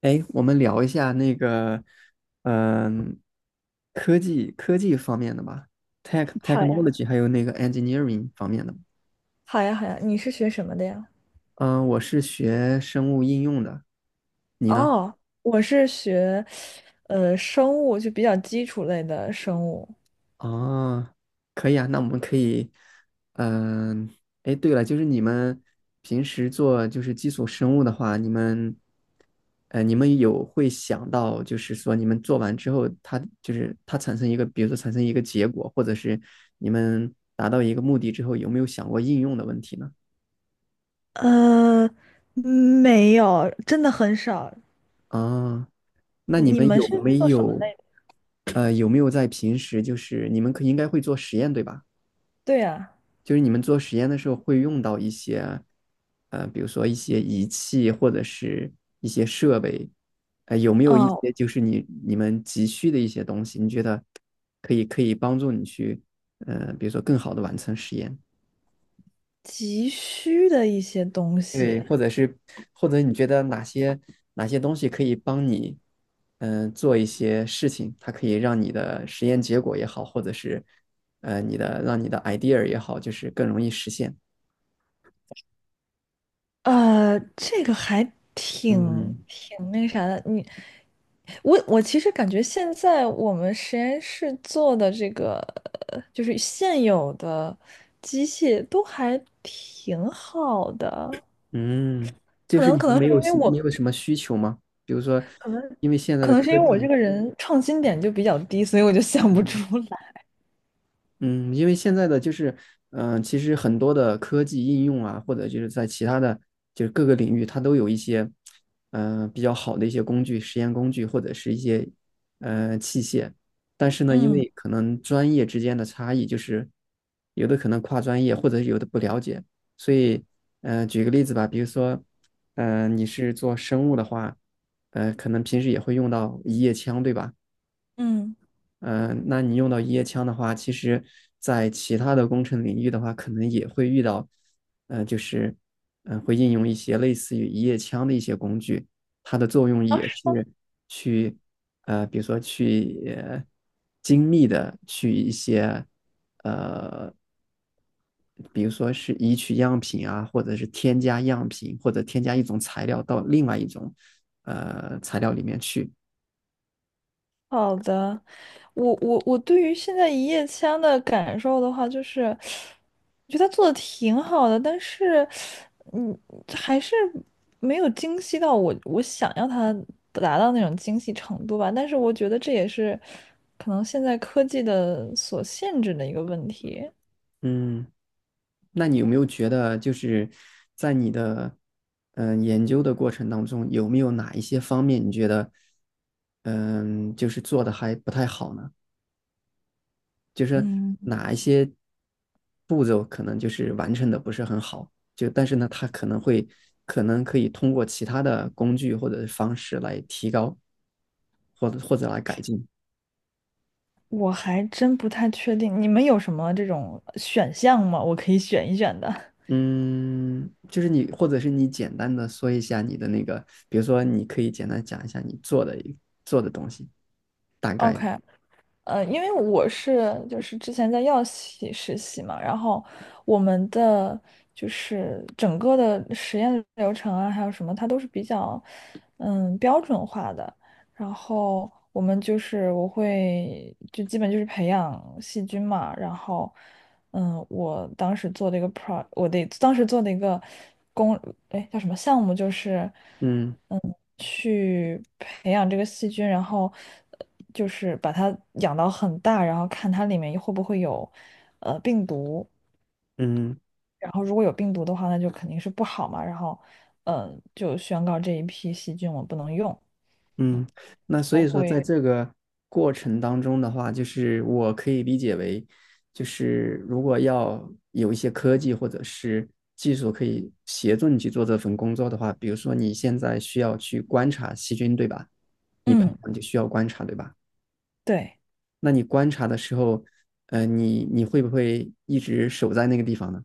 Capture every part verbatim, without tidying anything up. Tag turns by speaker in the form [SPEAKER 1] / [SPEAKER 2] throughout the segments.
[SPEAKER 1] 哎，我们聊一下那个，嗯、科技科技方面的吧，tech
[SPEAKER 2] 好呀，
[SPEAKER 1] technology，还有那个 engineering 方面的。
[SPEAKER 2] 好呀，好呀，你是学什么的呀？
[SPEAKER 1] 嗯、我是学生物应用的，你呢？
[SPEAKER 2] 哦，我是学，呃，生物，就比较基础类的生物。
[SPEAKER 1] 哦，可以啊，那我们可以，嗯、哎，对了，就是你们平时做就是基础生物的话，你们，呃，你们有会想到，就是说你们做完之后，它就是它产生一个，比如说产生一个结果，或者是你们达到一个目的之后，有没有想过应用的问题呢？
[SPEAKER 2] 呃，没有，真的很少。
[SPEAKER 1] 啊，那你
[SPEAKER 2] 你
[SPEAKER 1] 们
[SPEAKER 2] 们
[SPEAKER 1] 有
[SPEAKER 2] 是
[SPEAKER 1] 没
[SPEAKER 2] 做什么
[SPEAKER 1] 有，
[SPEAKER 2] 类的？
[SPEAKER 1] 呃，有没有在平时就是你们可应该会做实验对吧？
[SPEAKER 2] 对呀。
[SPEAKER 1] 就是你们做实验的时候会用到一些，呃，比如说一些仪器或者是一些设备，呃，有没有一
[SPEAKER 2] 哦，
[SPEAKER 1] 些就是你你们急需的一些东西？你觉得可以可以帮助你去，呃，比如说更好的完成实验，
[SPEAKER 2] 急需的一些东西。
[SPEAKER 1] 对，或者是或者你觉得哪些哪些东西可以帮你，嗯、做一些事情，它可以让你的实验结果也好，或者是呃你的让你的 idea 也好，就是更容易实现，
[SPEAKER 2] 呃，这个还挺
[SPEAKER 1] 嗯。
[SPEAKER 2] 挺那啥的。你，我我其实感觉现在我们实验室做的这个，呃就是现有的机械都还挺好的。
[SPEAKER 1] 嗯，就
[SPEAKER 2] 可
[SPEAKER 1] 是
[SPEAKER 2] 能
[SPEAKER 1] 你
[SPEAKER 2] 可
[SPEAKER 1] 们
[SPEAKER 2] 能
[SPEAKER 1] 没
[SPEAKER 2] 是因
[SPEAKER 1] 有
[SPEAKER 2] 为
[SPEAKER 1] 你没
[SPEAKER 2] 我，
[SPEAKER 1] 有什么需求吗？比如说，因为现在
[SPEAKER 2] 可
[SPEAKER 1] 的
[SPEAKER 2] 能是
[SPEAKER 1] 科
[SPEAKER 2] 因为我这
[SPEAKER 1] 技，
[SPEAKER 2] 个人创新点就比较低，所以我就想不出
[SPEAKER 1] 嗯
[SPEAKER 2] 来。
[SPEAKER 1] 嗯，因为现在的就是，嗯、其实很多的科技应用啊，或者就是在其他的就是各个领域，它都有一些，嗯、比较好的一些工具、实验工具或者是一些，呃，器械。但是呢，因
[SPEAKER 2] 嗯
[SPEAKER 1] 为可能专业之间的差异，就是有的可能跨专业，或者是有的不了解，所以，嗯，举个例子吧，比如说，嗯，你是做生物的话，呃，可能平时也会用到一叶枪，对吧？
[SPEAKER 2] 嗯，
[SPEAKER 1] 嗯、呃那你用到一叶枪的话，其实在其他的工程领域的话，可能也会遇到，呃，就是嗯、呃会应用一些类似于一叶枪的一些工具，它的作用也是去呃，比如说去呃精密的去一些，呃，比如说是移取样品啊，或者是添加样品，或者添加一种材料到另外一种呃材料里面去，
[SPEAKER 2] 好的。我我我对于现在一夜枪的感受的话，就是。我觉得他做的挺好的，但是，嗯，还是没有精细到我我想要他达到那种精细程度吧。但是我觉得这也是可能现在科技的所限制的一个问题。
[SPEAKER 1] 嗯。那你有没有觉得，就是在你的嗯、呃研究的过程当中，有没有哪一些方面你觉得嗯、呃就是做的还不太好呢？就是
[SPEAKER 2] 嗯，
[SPEAKER 1] 哪一些步骤可能就是完成的不是很好，就但是呢，它可能会可能可以通过其他的工具或者是方式来提高，或者或者来改进。
[SPEAKER 2] 我还真不太确定，你们有什么这种选项吗？我可以选一选的。
[SPEAKER 1] 嗯，就是你，或者是你简单的说一下你的那个，比如说你可以简单讲一下你做的一做的东西，大概的，
[SPEAKER 2] OK，呃，因为我是就是之前在药企实习嘛，然后我们的就是整个的实验流程啊，还有什么，它都是比较嗯标准化的。然后我们就是我会就基本就是培养细菌嘛，然后嗯，我当时做的一个 pro，我的当时做的一个工，哎叫什么项目就是。
[SPEAKER 1] 嗯
[SPEAKER 2] 嗯，去培养这个细菌，然后呃就是把它养到很大，然后看它里面会不会有呃病毒，
[SPEAKER 1] 嗯
[SPEAKER 2] 然后如果有病毒的话，那就肯定是不好嘛，然后嗯，就宣告这一批细菌我不能用，
[SPEAKER 1] 嗯。那所
[SPEAKER 2] 我
[SPEAKER 1] 以说，
[SPEAKER 2] 会
[SPEAKER 1] 在这个过程当中的话，就是我可以理解为，就是如果要有一些科技或者是技术可以协助你去做这份工作的话，比如说你现在需要去观察细菌，对吧？你培
[SPEAKER 2] 嗯
[SPEAKER 1] 养就需要观察，对吧？
[SPEAKER 2] 对。
[SPEAKER 1] 那你观察的时候，呃，你你会不会一直守在那个地方呢？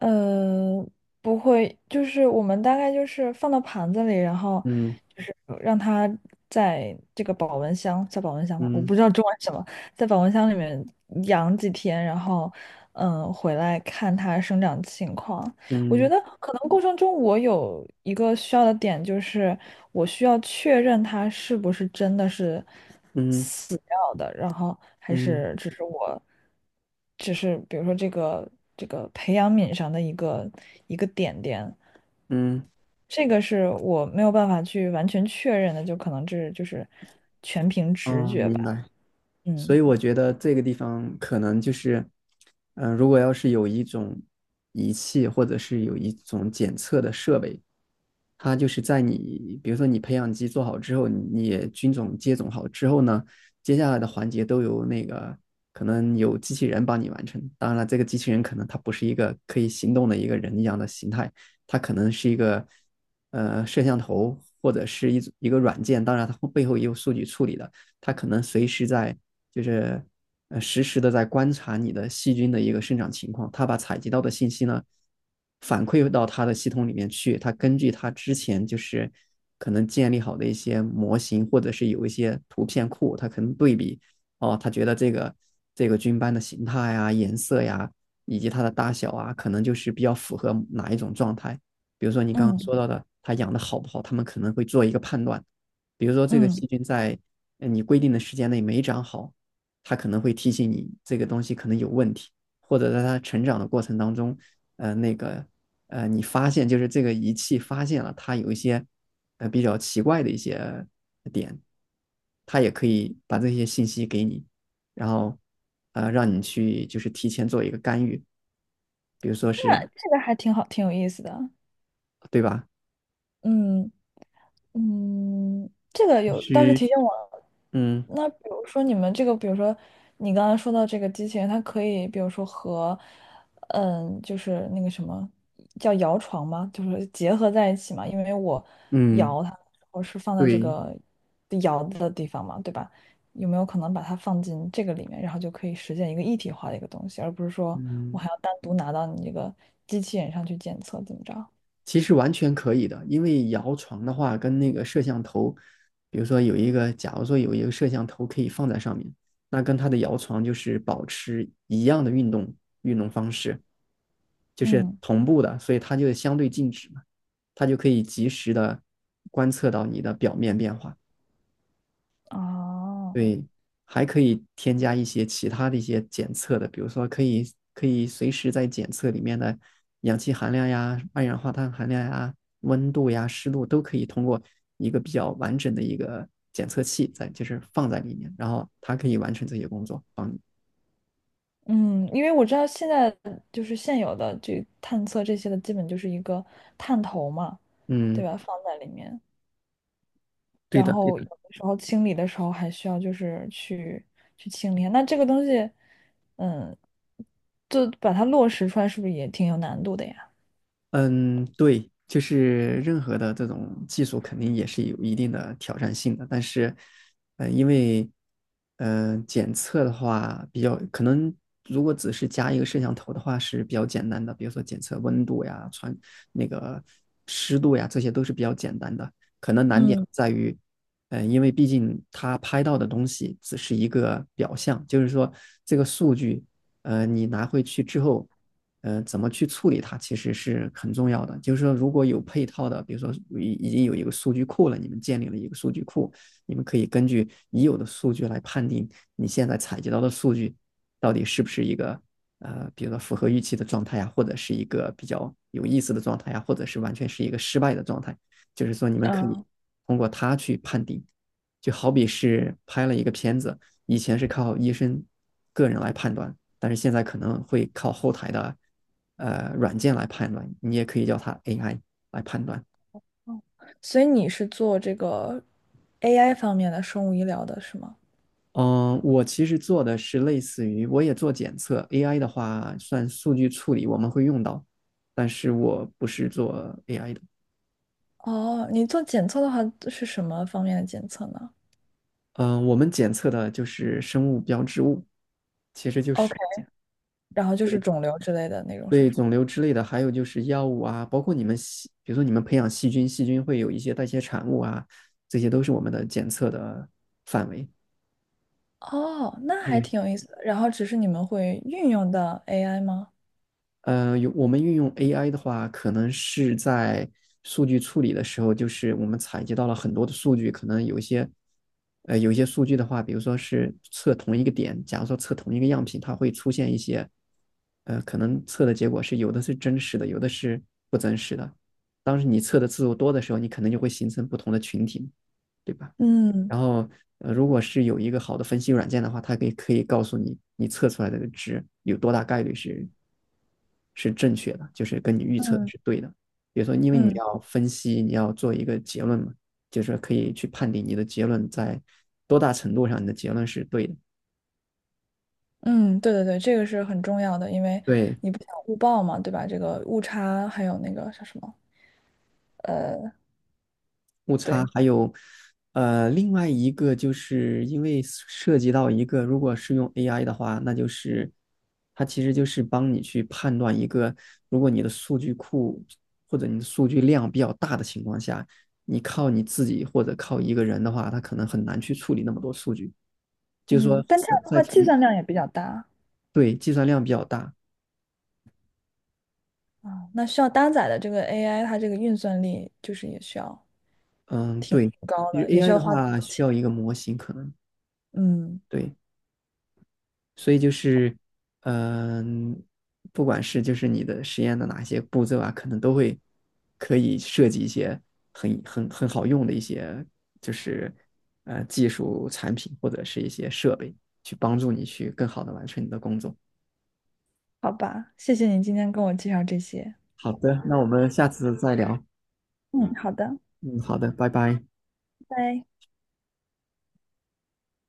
[SPEAKER 2] 嗯，不会，就是我们大概就是放到盘子里，然后
[SPEAKER 1] 嗯
[SPEAKER 2] 就是让它在这个保温箱，在保温箱吗？我
[SPEAKER 1] 嗯
[SPEAKER 2] 不知道中文是什么，在保温箱里面养几天，然后嗯，回来看它生长情况。我觉
[SPEAKER 1] 嗯
[SPEAKER 2] 得可能过程中我有一个需要的点，就是我需要确认他是不是真的是
[SPEAKER 1] 嗯
[SPEAKER 2] 死掉的，然后还
[SPEAKER 1] 嗯
[SPEAKER 2] 是只是我，只是比如说这个这个培养皿上的一个一个点点，
[SPEAKER 1] 嗯，
[SPEAKER 2] 这个是我没有办法去完全确认的，就可能这就是全凭直
[SPEAKER 1] 哦，
[SPEAKER 2] 觉
[SPEAKER 1] 明
[SPEAKER 2] 吧。
[SPEAKER 1] 白。所
[SPEAKER 2] 嗯
[SPEAKER 1] 以我觉得这个地方可能就是，嗯、如果要是有一种仪器或者是有一种检测的设备，它就是在你，比如说你培养基做好之后，你也菌种接种好之后呢，接下来的环节都由那个可能有机器人帮你完成。当然了，这个机器人可能它不是一个可以行动的一个人一样的形态，它可能是一个呃摄像头或者是一一个软件，当然它背后也有数据处理的，它可能随时在就是呃实时的在观察你的细菌的一个生长情况，它把采集到的信息呢反馈到它的系统里面去，它根据它之前就是可能建立好的一些模型，或者是有一些图片库，它可能对比。哦，它觉得这个这个菌斑的形态呀、颜色呀，以及它的大小啊，可能就是比较符合哪一种状态。比如说你刚刚
[SPEAKER 2] 嗯
[SPEAKER 1] 说到的，它养的好不好，他们可能会做一个判断。比如说这个
[SPEAKER 2] 嗯，
[SPEAKER 1] 细菌在呃你规定的时间内没长好，他可能会提醒你这个东西可能有问题，或者在他成长的过程当中，呃，那个呃，你发现就是这个仪器发现了它有一些呃比较奇怪的一些点，它也可以把这些信息给你，然后呃让你去就是提前做一个干预，比如说
[SPEAKER 2] 那
[SPEAKER 1] 是，
[SPEAKER 2] 这个还挺好，挺有意思的。
[SPEAKER 1] 对吧？
[SPEAKER 2] 嗯。嗯，这个
[SPEAKER 1] 必
[SPEAKER 2] 有倒是
[SPEAKER 1] 须，
[SPEAKER 2] 提醒我了。
[SPEAKER 1] 嗯
[SPEAKER 2] 那比如说你们这个，比如说你刚刚说到这个机器人，它可以比如说和，嗯，就是那个什么叫摇床吗？就是结合在一起嘛。因为我
[SPEAKER 1] 嗯，
[SPEAKER 2] 摇它我是放在这
[SPEAKER 1] 对，
[SPEAKER 2] 个摇的地方嘛，对吧？有没有可能把它放进这个里面，然后就可以实现一个一体化的一个东西，而不是说我
[SPEAKER 1] 嗯。
[SPEAKER 2] 还要单独拿到你这个机器人上去检测，怎么着？
[SPEAKER 1] 其实完全可以的，因为摇床的话，跟那个摄像头，比如说有一个，假如说有一个摄像头可以放在上面，那跟它的摇床就是保持一样的运动运动方式，就是
[SPEAKER 2] 嗯，
[SPEAKER 1] 同步的，所以它就相对静止嘛，它就可以及时的观测到你的表面变化。
[SPEAKER 2] 哦。
[SPEAKER 1] 对，还可以添加一些其他的一些检测的，比如说可以可以随时在检测里面的氧气含量呀、二氧化碳含量呀、温度呀、湿度都可以通过一个比较完整的一个检测器在，就是放在里面，然后它可以完成这些工作，帮你。
[SPEAKER 2] 嗯，因为我知道现在就是现有的这探测这些的，基本就是一个探头嘛，对
[SPEAKER 1] 嗯，
[SPEAKER 2] 吧？放在里面，
[SPEAKER 1] 对
[SPEAKER 2] 然
[SPEAKER 1] 的。
[SPEAKER 2] 后有的时候清理的时候还需要就是去去清理。那这个东西，嗯，就把它落实出来，是不是也挺有难度的呀？
[SPEAKER 1] 嗯，对，就是任何的这种技术肯定也是有一定的挑战性的，但是，呃，因为，呃，检测的话比较可能，如果只是加一个摄像头的话是比较简单的，比如说检测温度呀、传那个湿度呀，这些都是比较简单的。可能难点
[SPEAKER 2] 嗯
[SPEAKER 1] 在于，呃，因为毕竟它拍到的东西只是一个表象，就是说这个数据，呃，你拿回去之后，呃，怎么去处理它，其实是很重要的。就是说，如果有配套的，比如说已已经有一个数据库了，你们建立了一个数据库，你们可以根据已有的数据来判定你现在采集到的数据到底是不是一个呃，比如说符合预期的状态呀，或者是一个比较有意思的状态呀，或者是完全是一个失败的状态。就是说，你们可以
[SPEAKER 2] 嗯，
[SPEAKER 1] 通过它去判定，就好比是拍了一个片子，以前是靠医生个人来判断，但是现在可能会靠后台的呃软件来判断，你也可以叫它 A I 来判断。
[SPEAKER 2] 所以你是做这个 A I 方面的生物医疗的是吗？
[SPEAKER 1] 嗯，我其实做的是类似于，我也做检测，A I 的话算数据处理，我们会用到，但是我不是做 A I 的。
[SPEAKER 2] 哦，你做检测的话是什么方面的检测呢
[SPEAKER 1] 嗯，我们检测的就是生物标志物，其实就是
[SPEAKER 2] ？OK，然后就是
[SPEAKER 1] 对，
[SPEAKER 2] 肿瘤之类的那种是
[SPEAKER 1] 对
[SPEAKER 2] 吗？
[SPEAKER 1] 肿瘤之类的，还有就是药物啊，包括你们细，比如说你们培养细菌，细菌会有一些代谢产物啊，这些都是我们的检测的范围。
[SPEAKER 2] 哦，那还
[SPEAKER 1] 对，
[SPEAKER 2] 挺有意思的。然后只是你们会运用到 A I 吗？
[SPEAKER 1] 呃，有我们运用 A I 的话，可能是在数据处理的时候，就是我们采集到了很多的数据，可能有一些，呃，有一些数据的话，比如说是测同一个点，假如说测同一个样品，它会出现一些，呃，可能测的结果是有的是真实的，有的是不真实的。当时你测的次数多的时候，你可能就会形成不同的群体，对吧？
[SPEAKER 2] 嗯
[SPEAKER 1] 然后，呃，如果是有一个好的分析软件的话，它可以可以告诉你，你测出来的值有多大概率是是正确的，就是跟你预测的
[SPEAKER 2] 嗯
[SPEAKER 1] 是对的。比如说，因为你
[SPEAKER 2] 嗯
[SPEAKER 1] 要分析，你要做一个结论嘛，就是可以去判定你的结论在多大程度上你的结论是对的。
[SPEAKER 2] 嗯，对对对，这个是很重要的，因为
[SPEAKER 1] 对，
[SPEAKER 2] 你不想误报嘛，对吧？这个误差还有那个叫什么？
[SPEAKER 1] 误差，
[SPEAKER 2] 对，
[SPEAKER 1] 还有呃，另外一个就是因为涉及到一个，如果是用 A I 的话，那就是它其实就是帮你去判断一个，如果你的数据库或者你的数据量比较大的情况下，你靠你自己或者靠一个人的话，他可能很难去处理那么多数据，就是说
[SPEAKER 2] 嗯，但这
[SPEAKER 1] 在
[SPEAKER 2] 样的
[SPEAKER 1] 在
[SPEAKER 2] 话计
[SPEAKER 1] 提
[SPEAKER 2] 算量也比较大
[SPEAKER 1] 对，计算量比较大，
[SPEAKER 2] 啊，那需要搭载的这个 A I，它这个运算力就是也需要
[SPEAKER 1] 嗯，对，
[SPEAKER 2] 挺高
[SPEAKER 1] 其实
[SPEAKER 2] 的，也需
[SPEAKER 1] A I
[SPEAKER 2] 要
[SPEAKER 1] 的
[SPEAKER 2] 花挺
[SPEAKER 1] 话
[SPEAKER 2] 多
[SPEAKER 1] 需
[SPEAKER 2] 钱。
[SPEAKER 1] 要一个模型可能。
[SPEAKER 2] 嗯，
[SPEAKER 1] 对。所以就是，嗯、不管是就是你的实验的哪些步骤啊，可能都会可以设计一些很很很好用的一些就是呃技术产品或者是一些设备，去帮助你去更好的完成你的工作。
[SPEAKER 2] 好吧，谢谢你今天跟我介绍这些。
[SPEAKER 1] 好的，那我们下次再聊。
[SPEAKER 2] 嗯，好的，
[SPEAKER 1] 嗯，好的，拜拜。
[SPEAKER 2] 拜拜。